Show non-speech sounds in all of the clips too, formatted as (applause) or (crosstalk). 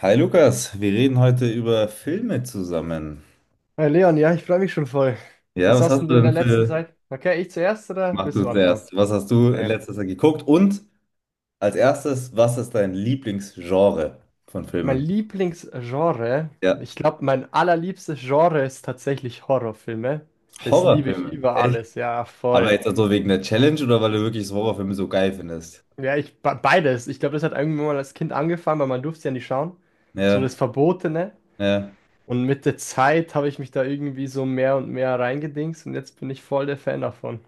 Hi Lukas, wir reden heute über Filme zusammen. Hi Leon, ja, ich freue mich schon voll. Ja, Was was hast hast denn du du in denn der letzten für... Zeit? Okay, ich zuerst oder Mach willst du du anfangen? zuerst. Was hast du in Okay. letzter Zeit geguckt? Und als erstes, was ist dein Lieblingsgenre von Mein Filmen? Lieblingsgenre, Ja, ich glaube, mein allerliebstes Genre ist tatsächlich Horrorfilme. Das liebe ich Horrorfilme. über Echt? alles, ja, Aber voll. jetzt also wegen der Challenge oder weil du wirklich so Horrorfilme so geil findest? Ja, ich beides. Ich glaube, das hat irgendwann mal als Kind angefangen, weil man durfte ja nicht schauen. So Ja, das Verbotene. ja. Und mit der Zeit habe ich mich da irgendwie so mehr und mehr reingedingst und jetzt bin ich voll der Fan davon.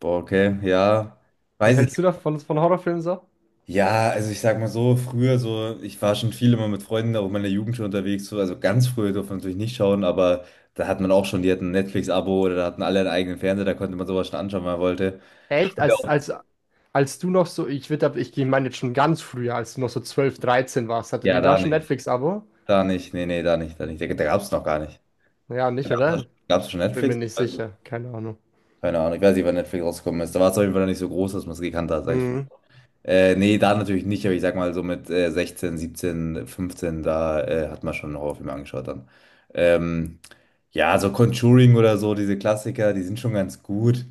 Boah, okay, ja. Was Weiß ich. hältst du davon von Horrorfilmen so? Ja, also ich sag mal so, früher so, ich war schon viel immer mit Freunden auch in meiner Jugend schon unterwegs, so, also ganz früher durfte man natürlich nicht schauen, aber da hat man auch schon, die hatten ein Netflix-Abo oder da hatten alle einen eigenen Fernseher, da konnte man sowas schon anschauen, wenn man wollte. Echt? Als, Ja, als, als du noch so, ich meine jetzt schon ganz früher, als du noch so 12 13 warst, hatte ja, die da schon Netflix-Abo? da nicht, nee, nee, da nicht, da nicht, da gab's noch gar nicht. Ja, Da nicht, gab's, oder? da gab's schon Bin mir Netflix? nicht sicher. Keine Ahnung. Keine Ahnung, ich weiß nicht, wann Netflix rausgekommen ist, da war es auf jeden Fall noch nicht so groß, dass man es gekannt hat, sag ich. Mhm. Nee, da natürlich nicht, aber ich sag mal so mit 16, 17, 15, da hat man schon Horrorfilme angeschaut dann. Ähm, ja, so Conjuring oder so, diese Klassiker, die sind schon ganz gut.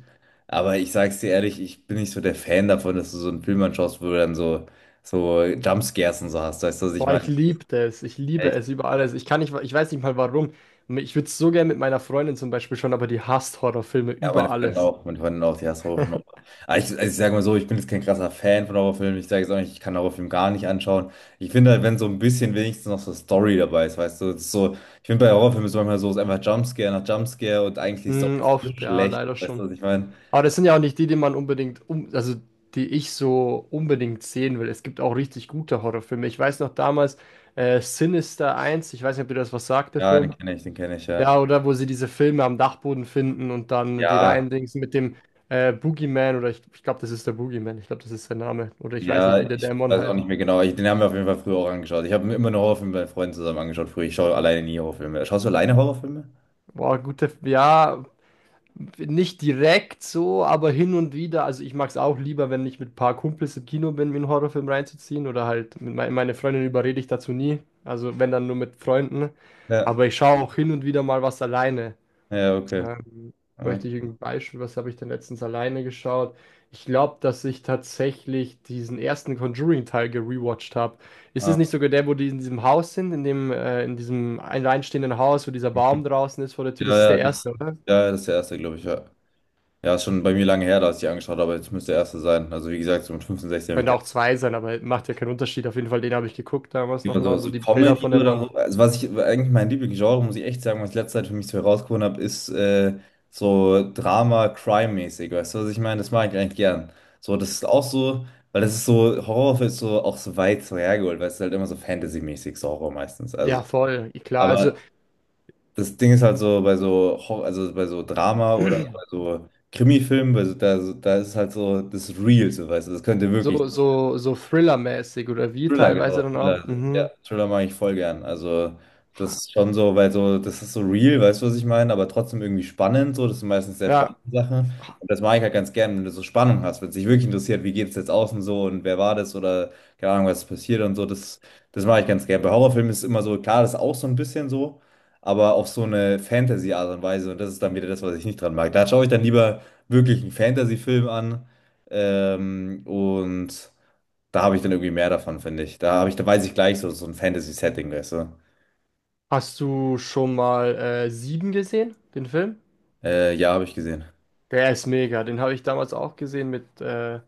Aber ich sag's dir ehrlich, ich bin nicht so der Fan davon, dass du so einen Film anschaust, wo du dann so, so Jumpscares und so hast, weißt du, was ich Boah, ich meine? liebte es. Ich liebe es über alles. Ich kann nicht, ich weiß nicht mal warum. Ich würde es so gerne mit meiner Freundin zum Beispiel schon, aber die hasst Horrorfilme Ja, über alles. Meine Freundin auch, die hasst Horrorfilme auch. Aber ich, also ich sage mal so, ich bin jetzt kein krasser Fan von Horrorfilmen. Ich sage jetzt auch nicht, ich kann Horrorfilme gar nicht anschauen. Ich finde halt, wenn so ein bisschen wenigstens noch so Story dabei ist, weißt du, das ist so, ich finde bei Horrorfilmen ist es manchmal so, es ist einfach Jumpscare nach Jumpscare und eigentlich die Story Mhm, ist so oft, ja, schlecht, leider weißt du, schon. was ich meine? Aber das sind ja auch nicht die, die man unbedingt um, also die ich so unbedingt sehen will. Es gibt auch richtig gute Horrorfilme. Ich weiß noch damals Sinister eins. Ich weiß nicht, ob dir das was sagt, der Ja, Film. Den kenne ich, ja. Ja, oder wo sie diese Filme am Dachboden finden und dann die Ja, reindingsen mit dem Boogeyman oder ich glaube, das ist der Boogeyman, ich glaube, das ist der Name. Oder ich weiß nicht, wie ja, der ich Dämon weiß auch heißt. nicht mehr genau. Ich, den haben wir auf jeden Fall früher auch angeschaut. Ich habe mir immer nur Horrorfilme bei Freunden zusammen angeschaut früher. Ich schaue alleine nie Horrorfilme. Schaust du alleine Horrorfilme? Boah, gute, ja, nicht direkt so, aber hin und wieder. Also ich mag es auch lieber, wenn ich mit ein paar Kumpels im Kino bin, mir einen Horrorfilm reinzuziehen. Oder halt mit meine Freundin überrede ich dazu nie. Also wenn dann nur mit Freunden. Ja, Aber ich schaue auch hin und wieder mal was alleine. ja, okay. Ähm, Ja. möchte ich irgendein Beispiel, was habe ich denn letztens alleine geschaut? Ich glaube, dass ich tatsächlich diesen ersten Conjuring-Teil gerewatcht habe. Ist es Ah, nicht sogar der, wo die in diesem Haus sind, in diesem alleinstehenden Haus, wo dieser okay. Baum draußen ist vor der Tür? Das Ja, ist ja, der erste, das, oder? ja, ja, das ist der erste, glaube ich, ja. Ja, ist schon bei mir lange her, dass ich die angeschaut habe, aber jetzt müsste der erste sein. Also, wie gesagt, so mit 15, 16 habe ich die Könnte auch zwei sein, aber macht ja keinen Unterschied. Auf jeden Fall, den habe ich geguckt damals angeschaut. nochmal, wo Also, so die Bilder Comedy von der oder Wand. so. Also, was ich eigentlich mein Lieblingsgenre, muss ich echt sagen, was ich letzte Zeit für mich so herausgefunden habe, ist so Drama, Crime-mäßig. Weißt du, was ich meine? Das mag ich eigentlich gern. So, das ist auch so, weil das ist so, Horror ist so auch so weit so hergeholt, weil es ist halt immer so Fantasy-mäßig, so Horror meistens. Ja, Also, voll, klar. Also aber das Ding ist halt so bei so also bei so Drama oder bei (clears throat) so Krimi-Filmen, weil so, da, so, da ist es halt so, das ist real, so weißt du, das könnte wirklich. so Thriller-mäßig oder wie Thriller, teilweise genau, dann auch. Thriller, ja, Mhm. Thriller mag ich voll gern. Also, das ist schon so, weil so, das ist so real, weißt du, was ich meine, aber trotzdem irgendwie spannend, so, das sind meistens sehr spannende Ja. Sachen. Und das mag ich halt ganz gern, wenn du so Spannung hast, wenn es dich wirklich interessiert, wie geht es jetzt außen so und wer war das oder keine Ahnung, was ist passiert und so, das mag ich ganz gern. Bei Horrorfilmen ist es immer so, klar, das ist auch so ein bisschen so, aber auf so eine Fantasy-Art und Weise und das ist dann wieder das, was ich nicht dran mag. Da schaue ich dann lieber wirklich einen Fantasy-Film an, und. Da habe ich dann irgendwie mehr davon, finde ich. Da habe ich, da weiß ich gleich so, so ein Fantasy-Setting, weißt du. Hast du schon mal Sieben gesehen, den Film? Ja, habe ich gesehen. Der ist mega. Den habe ich damals auch gesehen mit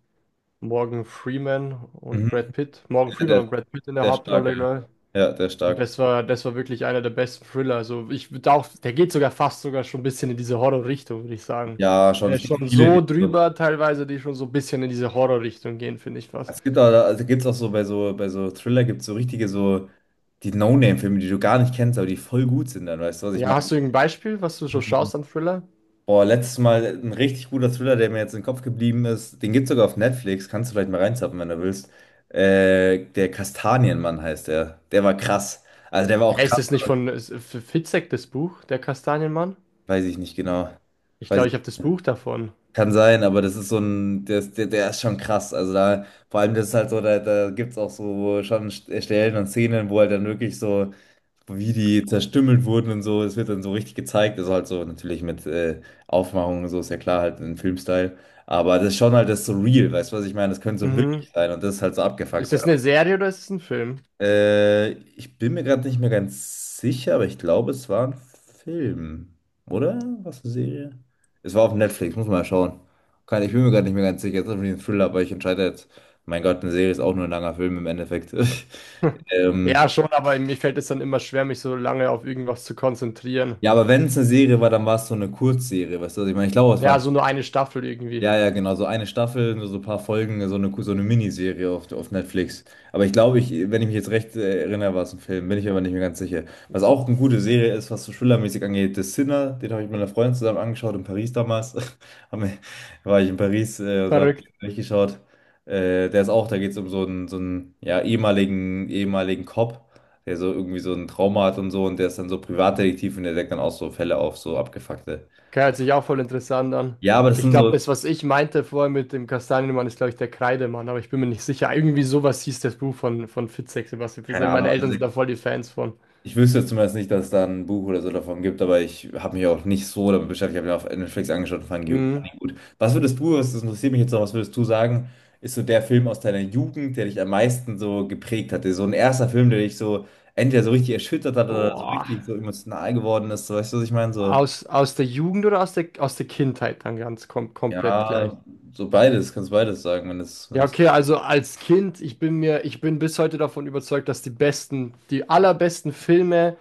Morgan Freeman und Mhm. Brad Pitt. Morgan Ja, Freeman der, und Brad Pitt in der der ist stark, ja. Hauptrolle, glaube. Ja, der ist Und stark. das war wirklich einer der besten Thriller. Also der geht sogar fast sogar schon ein bisschen in diese Horror-Richtung, würde ich sagen. Ja, schon. Der Es ist gibt schon viele, die so so. drüber teilweise, die schon so ein bisschen in diese Horror-Richtung gehen, finde ich fast. Es gibt auch, also gibt's auch so bei so, bei so Thriller gibt es so richtige so die No-Name-Filme, die du gar nicht kennst, aber die voll gut sind dann, weißt du, was ich Ja, meine? hast du irgendein Beispiel, was du so Mhm. schaust an Thriller? Boah, letztes Mal ein richtig guter Thriller, der mir jetzt im Kopf geblieben ist. Den gibt es sogar auf Netflix. Kannst du vielleicht mal reinzappen, wenn du willst. Der Kastanienmann heißt der. Der war krass. Also der war auch Hä, ist krass. das nicht von Fitzek, das Buch, Der Kastanienmann? Weiß ich nicht genau. Ich Weiß glaube, ich. ich habe das Buch davon. Kann sein, aber das ist so ein, der, der, der ist schon krass. Also da, vor allem das ist halt so, da, da gibt es auch so schon Stellen und Szenen, wo halt dann wirklich so, wie die zerstümmelt wurden und so, es wird dann so richtig gezeigt. Also halt so natürlich mit Aufmachung und so, ist ja klar, halt in Filmstyle. Aber das ist schon halt das so real, weißt du, was ich meine? Das könnte so wirklich Mhm. sein und das ist halt so Ist abgefuckt. das eine Serie oder ist es ein Film? Ich bin mir gerade nicht mehr ganz sicher, aber ich glaube, es war ein Film. Oder? Was eine Serie? Es war auf Netflix, muss man mal schauen. Kann, ich bin mir gerade nicht mehr ganz sicher. Es ist irgendwie ein Thriller, aber ich entscheide jetzt. Mein Gott, eine Serie ist auch nur ein langer Film im Endeffekt. (laughs) (laughs) Ähm, Ja, schon, aber mir fällt es dann immer schwer, mich so lange auf irgendwas zu konzentrieren. ja, aber wenn es eine Serie war, dann war es so eine Kurzserie, weißt du, was ich meine? Ich glaube, es war Ja, ein. so nur eine Staffel irgendwie. Ja, ja, genau, so eine Staffel, nur so ein paar Folgen, so eine Miniserie auf Netflix. Aber ich glaube, ich, wenn ich mich jetzt recht erinnere, war es ein Film, bin ich aber nicht mehr ganz sicher. Was auch eine gute Serie ist, was so thrillermäßig angeht, The Sinner, den habe ich mit einer Freundin zusammen angeschaut in Paris damals. (laughs) Haben wir- war ich in Paris, da habe ich Verrückt. durchgeschaut. Der ist auch, da geht es um so einen ja, ehemaligen, ehemaligen Cop, der so irgendwie so ein Trauma hat und so und der ist dann so Privatdetektiv und der deckt dann auch so Fälle auf, so abgefuckte. Okay, hört sich auch voll interessant an. Ja, aber das Ich sind glaube, so, das, was ich meinte vorher mit dem Kastanienmann, ist, glaube ich, der Kreidemann, aber ich bin mir nicht sicher. Irgendwie sowas hieß das Buch von Fitzek, Sebastian Fitzek. keine Ahnung, Meine Eltern also sind da voll die Fans von. ich wüsste zumindest nicht, dass es da ein Buch oder so davon gibt, aber ich habe mich auch nicht so damit beschäftigt. Ich habe mir auf Netflix angeschaut und fand ihn gut, Mhm. fand ihn gut. Was würdest du, das interessiert mich jetzt noch, was würdest du sagen, ist so der Film aus deiner Jugend, der dich am meisten so geprägt hatte? So ein erster Film, der dich so entweder so richtig erschüttert hat oder so Boah. richtig so emotional geworden ist. So, weißt du, was ich meine? So, Aus der Jugend oder aus der Kindheit dann ganz komplett gleich? ja, so beides, kannst beides sagen, wenn es, wenn Ja, es, okay, also als Kind, ich bin bis heute davon überzeugt, dass die besten, die allerbesten Filme,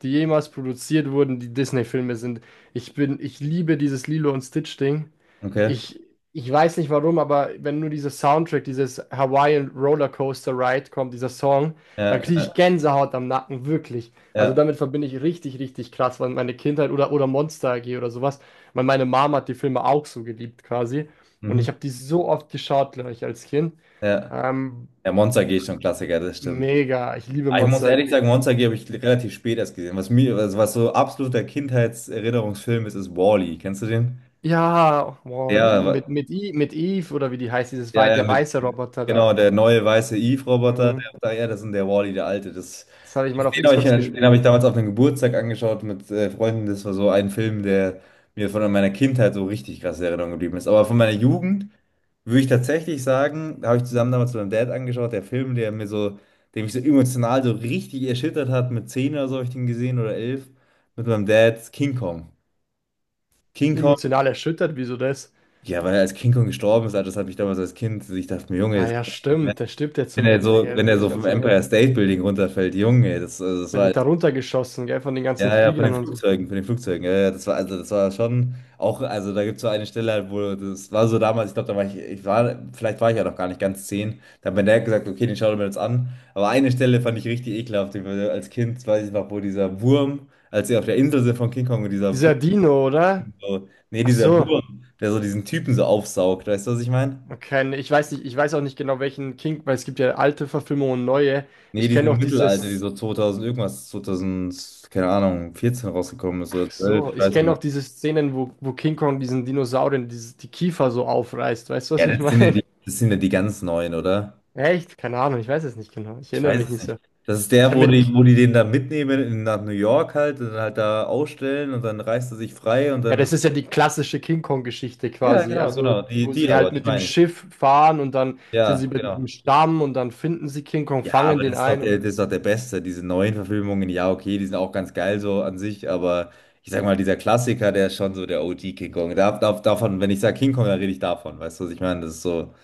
die jemals produziert wurden, die Disney-Filme sind. Ich liebe dieses Lilo und Stitch-Ding. okay. Ich, ich weiß nicht warum, aber wenn nur dieser Soundtrack, dieses Hawaiian Rollercoaster Ride kommt, dieser Song, dann Ja, kriege ich ja, Gänsehaut am Nacken, wirklich. Also ja, damit verbinde ich richtig, richtig krass, weil meine Kindheit oder Monster AG oder sowas, weil meine Mama hat die Filme auch so geliebt quasi. Und mhm, ich habe die so oft geschaut, glaube ich, als Kind. ja. Ähm, Ja, Monster G ist schon ein Klassiker, das stimmt. mega, ich liebe Ah, ich muss Monster ehrlich AG. sagen, Monster AG habe ich relativ spät erst gesehen. Was mir, was, was so absoluter Kindheitserinnerungsfilm ist, ist Wall-E. Kennst du den? Ja, Ja, Wall-E, mit Eve oder wie die heißt, ja, ja, der mit, weiße Roboter genau, da. der neue weiße Eve-Roboter. Mhm. Der, ja, das ist der Wall-E, der alte. Das, Das habe ich mal den auf habe ich, Xbox den habe gespielt. ich damals auf einem Geburtstag angeschaut mit Freunden. Das war so ein Film, der mir von meiner Kindheit so richtig krass in Erinnerung geblieben ist. Aber von meiner Jugend würde ich tatsächlich sagen, da habe ich zusammen damals mit meinem Dad angeschaut, der Film, der mir so, der mich so emotional so richtig erschüttert hat, mit 10 oder so habe ich den gesehen oder 11, mit meinem Dad, King Kong. King Kong, Emotional erschüttert, wieso das? ja, weil er als King Kong gestorben ist, Alter, das hat mich damals als Kind, ich dachte mir, Junge, Ah das, ja, stimmt, der stirbt ja wenn zum er Ende, so, gell? wenn Das er habe ich so vom ganz Empire vergessen. State Building runterfällt, Junge, das, also das Der war. wird da runtergeschossen, gell, von den ganzen Ja, ja, von Fliegern den und so. Flugzeugen, von den Flugzeugen. Ja, ja, das war, also das war schon auch, also da gibt es so eine Stelle, halt, wo das war so damals, ich glaube, da war ich, ich war, vielleicht war ich ja noch gar nicht ganz 10. Da hat mein Dad gesagt, okay, den schauen wir uns an. Aber eine Stelle fand ich richtig ekelhaft, als Kind weiß ich noch, wo dieser Wurm, als sie auf der Insel sind von King Kong und dieser Wurm, Dieser Dino, oder? so, nee, Ach dieser so, Wurm, der so diesen Typen so aufsaugt, weißt du, was ich meine? okay, nee, ich weiß nicht, ich weiß auch nicht genau welchen King, weil es gibt ja alte Verfilmungen und neue. Nee, Ich diese kenne auch Mittelalter, die dieses so 2000 irgendwas, 2000, keine Ahnung, 14 rausgekommen ist Ach oder 12, so, ich ich weiß nicht kenne mehr. auch diese Szenen, wo King Kong diesen Dinosauriern die Kiefer so aufreißt. Weißt du, Ja, was ich das sind ja meine? die, das sind ja die ganz neuen, oder? (laughs) Echt? Keine Ahnung, ich weiß es nicht genau. Ich Ich erinnere weiß mich es nicht nicht. so. Das ist Ich der, habe mit. wo die den da mitnehmen in, nach New York halt und dann halt da ausstellen und dann reißt er sich frei und Ja, dann. das ist ja die klassische King Kong-Geschichte Ja, quasi. genau, Also, genau. Die, wo die sie aber, halt die mit dem meine ich. Schiff fahren und dann sind Ja, sie bei genau. diesem Stamm und dann finden sie King Kong, Ja, fangen aber den das ist doch ein. der, Und das ist doch der Beste. Diese neuen Verfilmungen, ja, okay, die sind auch ganz geil so an sich, aber ich sag mal, dieser Klassiker, der ist schon so der OG King Kong. Da, da, davon, wenn ich sage King Kong, dann rede ich davon. Weißt du, was ich meine? Das ist so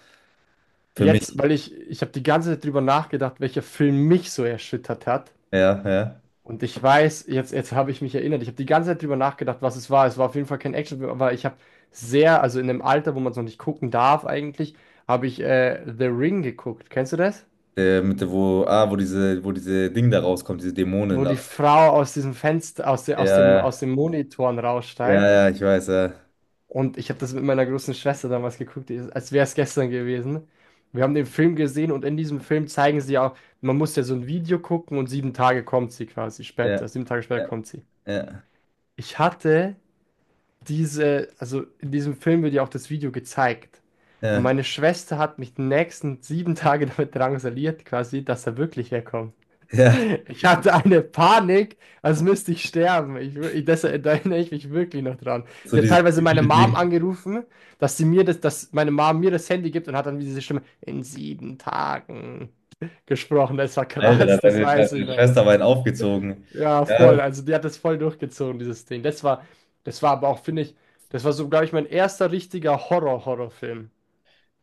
für jetzt, mich. weil ich habe die ganze Zeit drüber nachgedacht, welcher Film mich so erschüttert hat. Ja, ja. Und ich weiß, jetzt habe ich mich erinnert, ich habe die ganze Zeit drüber nachgedacht, was es war. Es war auf jeden Fall kein Actionfilm, aber also in einem Alter, wo man es noch nicht gucken darf eigentlich, habe ich The Ring geguckt. Kennst du das? Der mit der, wo, ah, wo diese Ding da rauskommt, diese Dämonen Wo die aus dem. Frau aus diesem Fenster, aus, der, Ja, aus dem, ja, aus dem Monitoren ja, raussteigt. ja, ich weiß, ja. Und ich habe das mit meiner großen Schwester damals geguckt, als wäre es gestern gewesen. Wir haben den Film gesehen und in diesem Film zeigen sie auch, man muss ja so ein Video gucken und sieben Tage kommt sie quasi Ja, später, sieben Tage später ja, kommt sie. ja, Ich hatte also in diesem Film wird ja auch das Video gezeigt. Und ja, meine Schwester hat mich die nächsten sieben Tage (laughs) damit drangsaliert, quasi, dass er wirklich herkommt. ja. Ich hatte eine Panik, als müsste ich sterben. Ich, wür- ich, das, da erinnere ich mich wirklich noch dran. So Die hat dieses teilweise meine typische Mom Ding. angerufen, dass meine Mom mir das Handy gibt und hat dann diese Stimme in sieben Tagen (laughs) gesprochen. Das war Alter, da krass, hat das deine, weiß ich deine noch. Schwester war einen aufgezogen. Ja, Ja, voll. Also die hat das voll durchgezogen, dieses Ding. Das war aber auch, finde ich, das war so, glaube ich, mein erster richtiger Horror-Horrorfilm.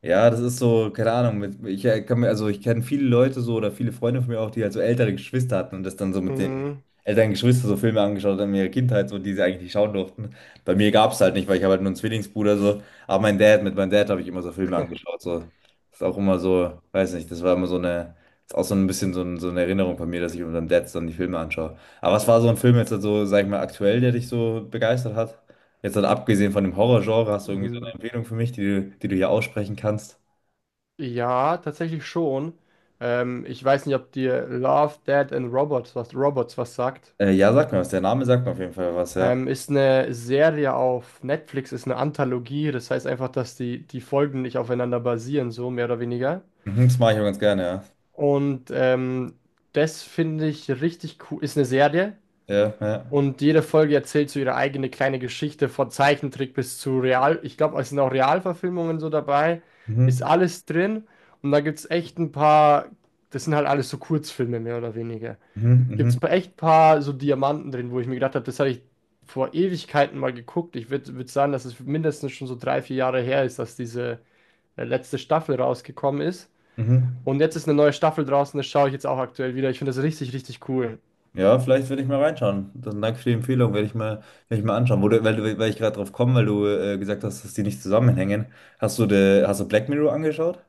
ja, das ist so, keine Ahnung, mit, ich kann mir, also ich kenne viele Leute so oder viele Freunde von mir auch, die halt so ältere Geschwister hatten und das dann so mit den Mhm. älteren Geschwistern so Filme angeschaut haben in ihrer Kindheit, so die sie eigentlich nicht schauen durften. Bei mir gab es halt nicht, weil ich habe halt nur einen Zwillingsbruder so, aber mein Dad, mit meinem Dad habe ich immer so Filme angeschaut, so. Das ist auch immer so, weiß nicht, das war immer so eine, das ist auch so ein bisschen so, ein, so eine Erinnerung von mir, dass ich mit meinem Dad dann die Filme anschaue. Aber was war so ein Film jetzt halt so, sag ich mal, aktuell, der dich so begeistert hat? Jetzt halt abgesehen von dem Horrorgenre, hast du irgendwie Mhm. Empfehlung für mich, die, die du hier aussprechen kannst. Ja, tatsächlich schon. Ich weiß nicht, ob dir Love, Dead and Robots was sagt. Ja, sag mir was. Der Name sagt mir auf jeden Fall was, ja. Ist eine Serie auf Netflix, ist eine Anthologie. Das heißt einfach, dass die Folgen nicht aufeinander basieren, so mehr oder weniger. Mhm, das mache ich auch ganz gerne, ja. Und das finde ich richtig cool. Ist eine Serie. Ja, ja. Und jede Folge erzählt so ihre eigene kleine Geschichte, von Zeichentrick bis zu Real. Ich glaube, es sind auch Realverfilmungen so dabei. Ist Mhm, alles drin. Und da gibt es echt ein paar, das sind halt alles so Kurzfilme mehr oder weniger. mhm, Gibt es mhm, echt ein paar so Diamanten drin, wo ich mir gedacht habe, das habe ich vor Ewigkeiten mal geguckt. Ich würde würd sagen, dass es mindestens schon so drei, vier Jahre her ist, dass diese letzte Staffel rausgekommen ist. mhm. Und jetzt ist eine neue Staffel draußen, das schaue ich jetzt auch aktuell wieder. Ich finde das richtig, richtig cool. Ja, vielleicht werde ich mal reinschauen. Dann danke für die Empfehlung, werde ich mal anschauen. Wo du, weil ich gerade drauf komme, weil du gesagt hast, dass die nicht zusammenhängen. Hast du, hast du Black Mirror angeschaut?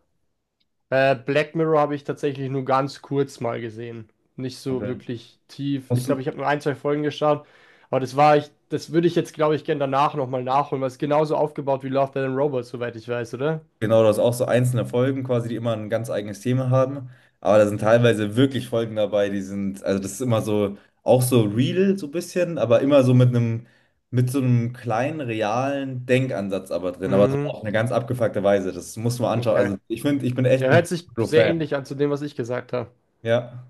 Black Mirror habe ich tatsächlich nur ganz kurz mal gesehen. Nicht so Okay. wirklich tief. Ich Musst glaube, du. ich habe nur ein, zwei Folgen geschaut. Aber Das würde ich jetzt, glaube ich, gerne danach nochmal nachholen, weil es genauso aufgebaut wie Love, Death and Robots, soweit ich weiß, oder? Genau, du hast auch so einzelne Folgen quasi, die immer ein ganz eigenes Thema haben. Aber da sind teilweise wirklich Folgen dabei, die sind, also das ist immer so, auch so real so ein bisschen, aber immer so mit einem, mit so einem kleinen, realen Denkansatz aber drin, aber so Mhm. auf eine ganz abgefuckte Weise. Das muss man anschauen. Okay. Also ich finde, ich bin echt Ja, hört ein sich sehr Fan. ähnlich an zu dem, was ich gesagt habe. Ja.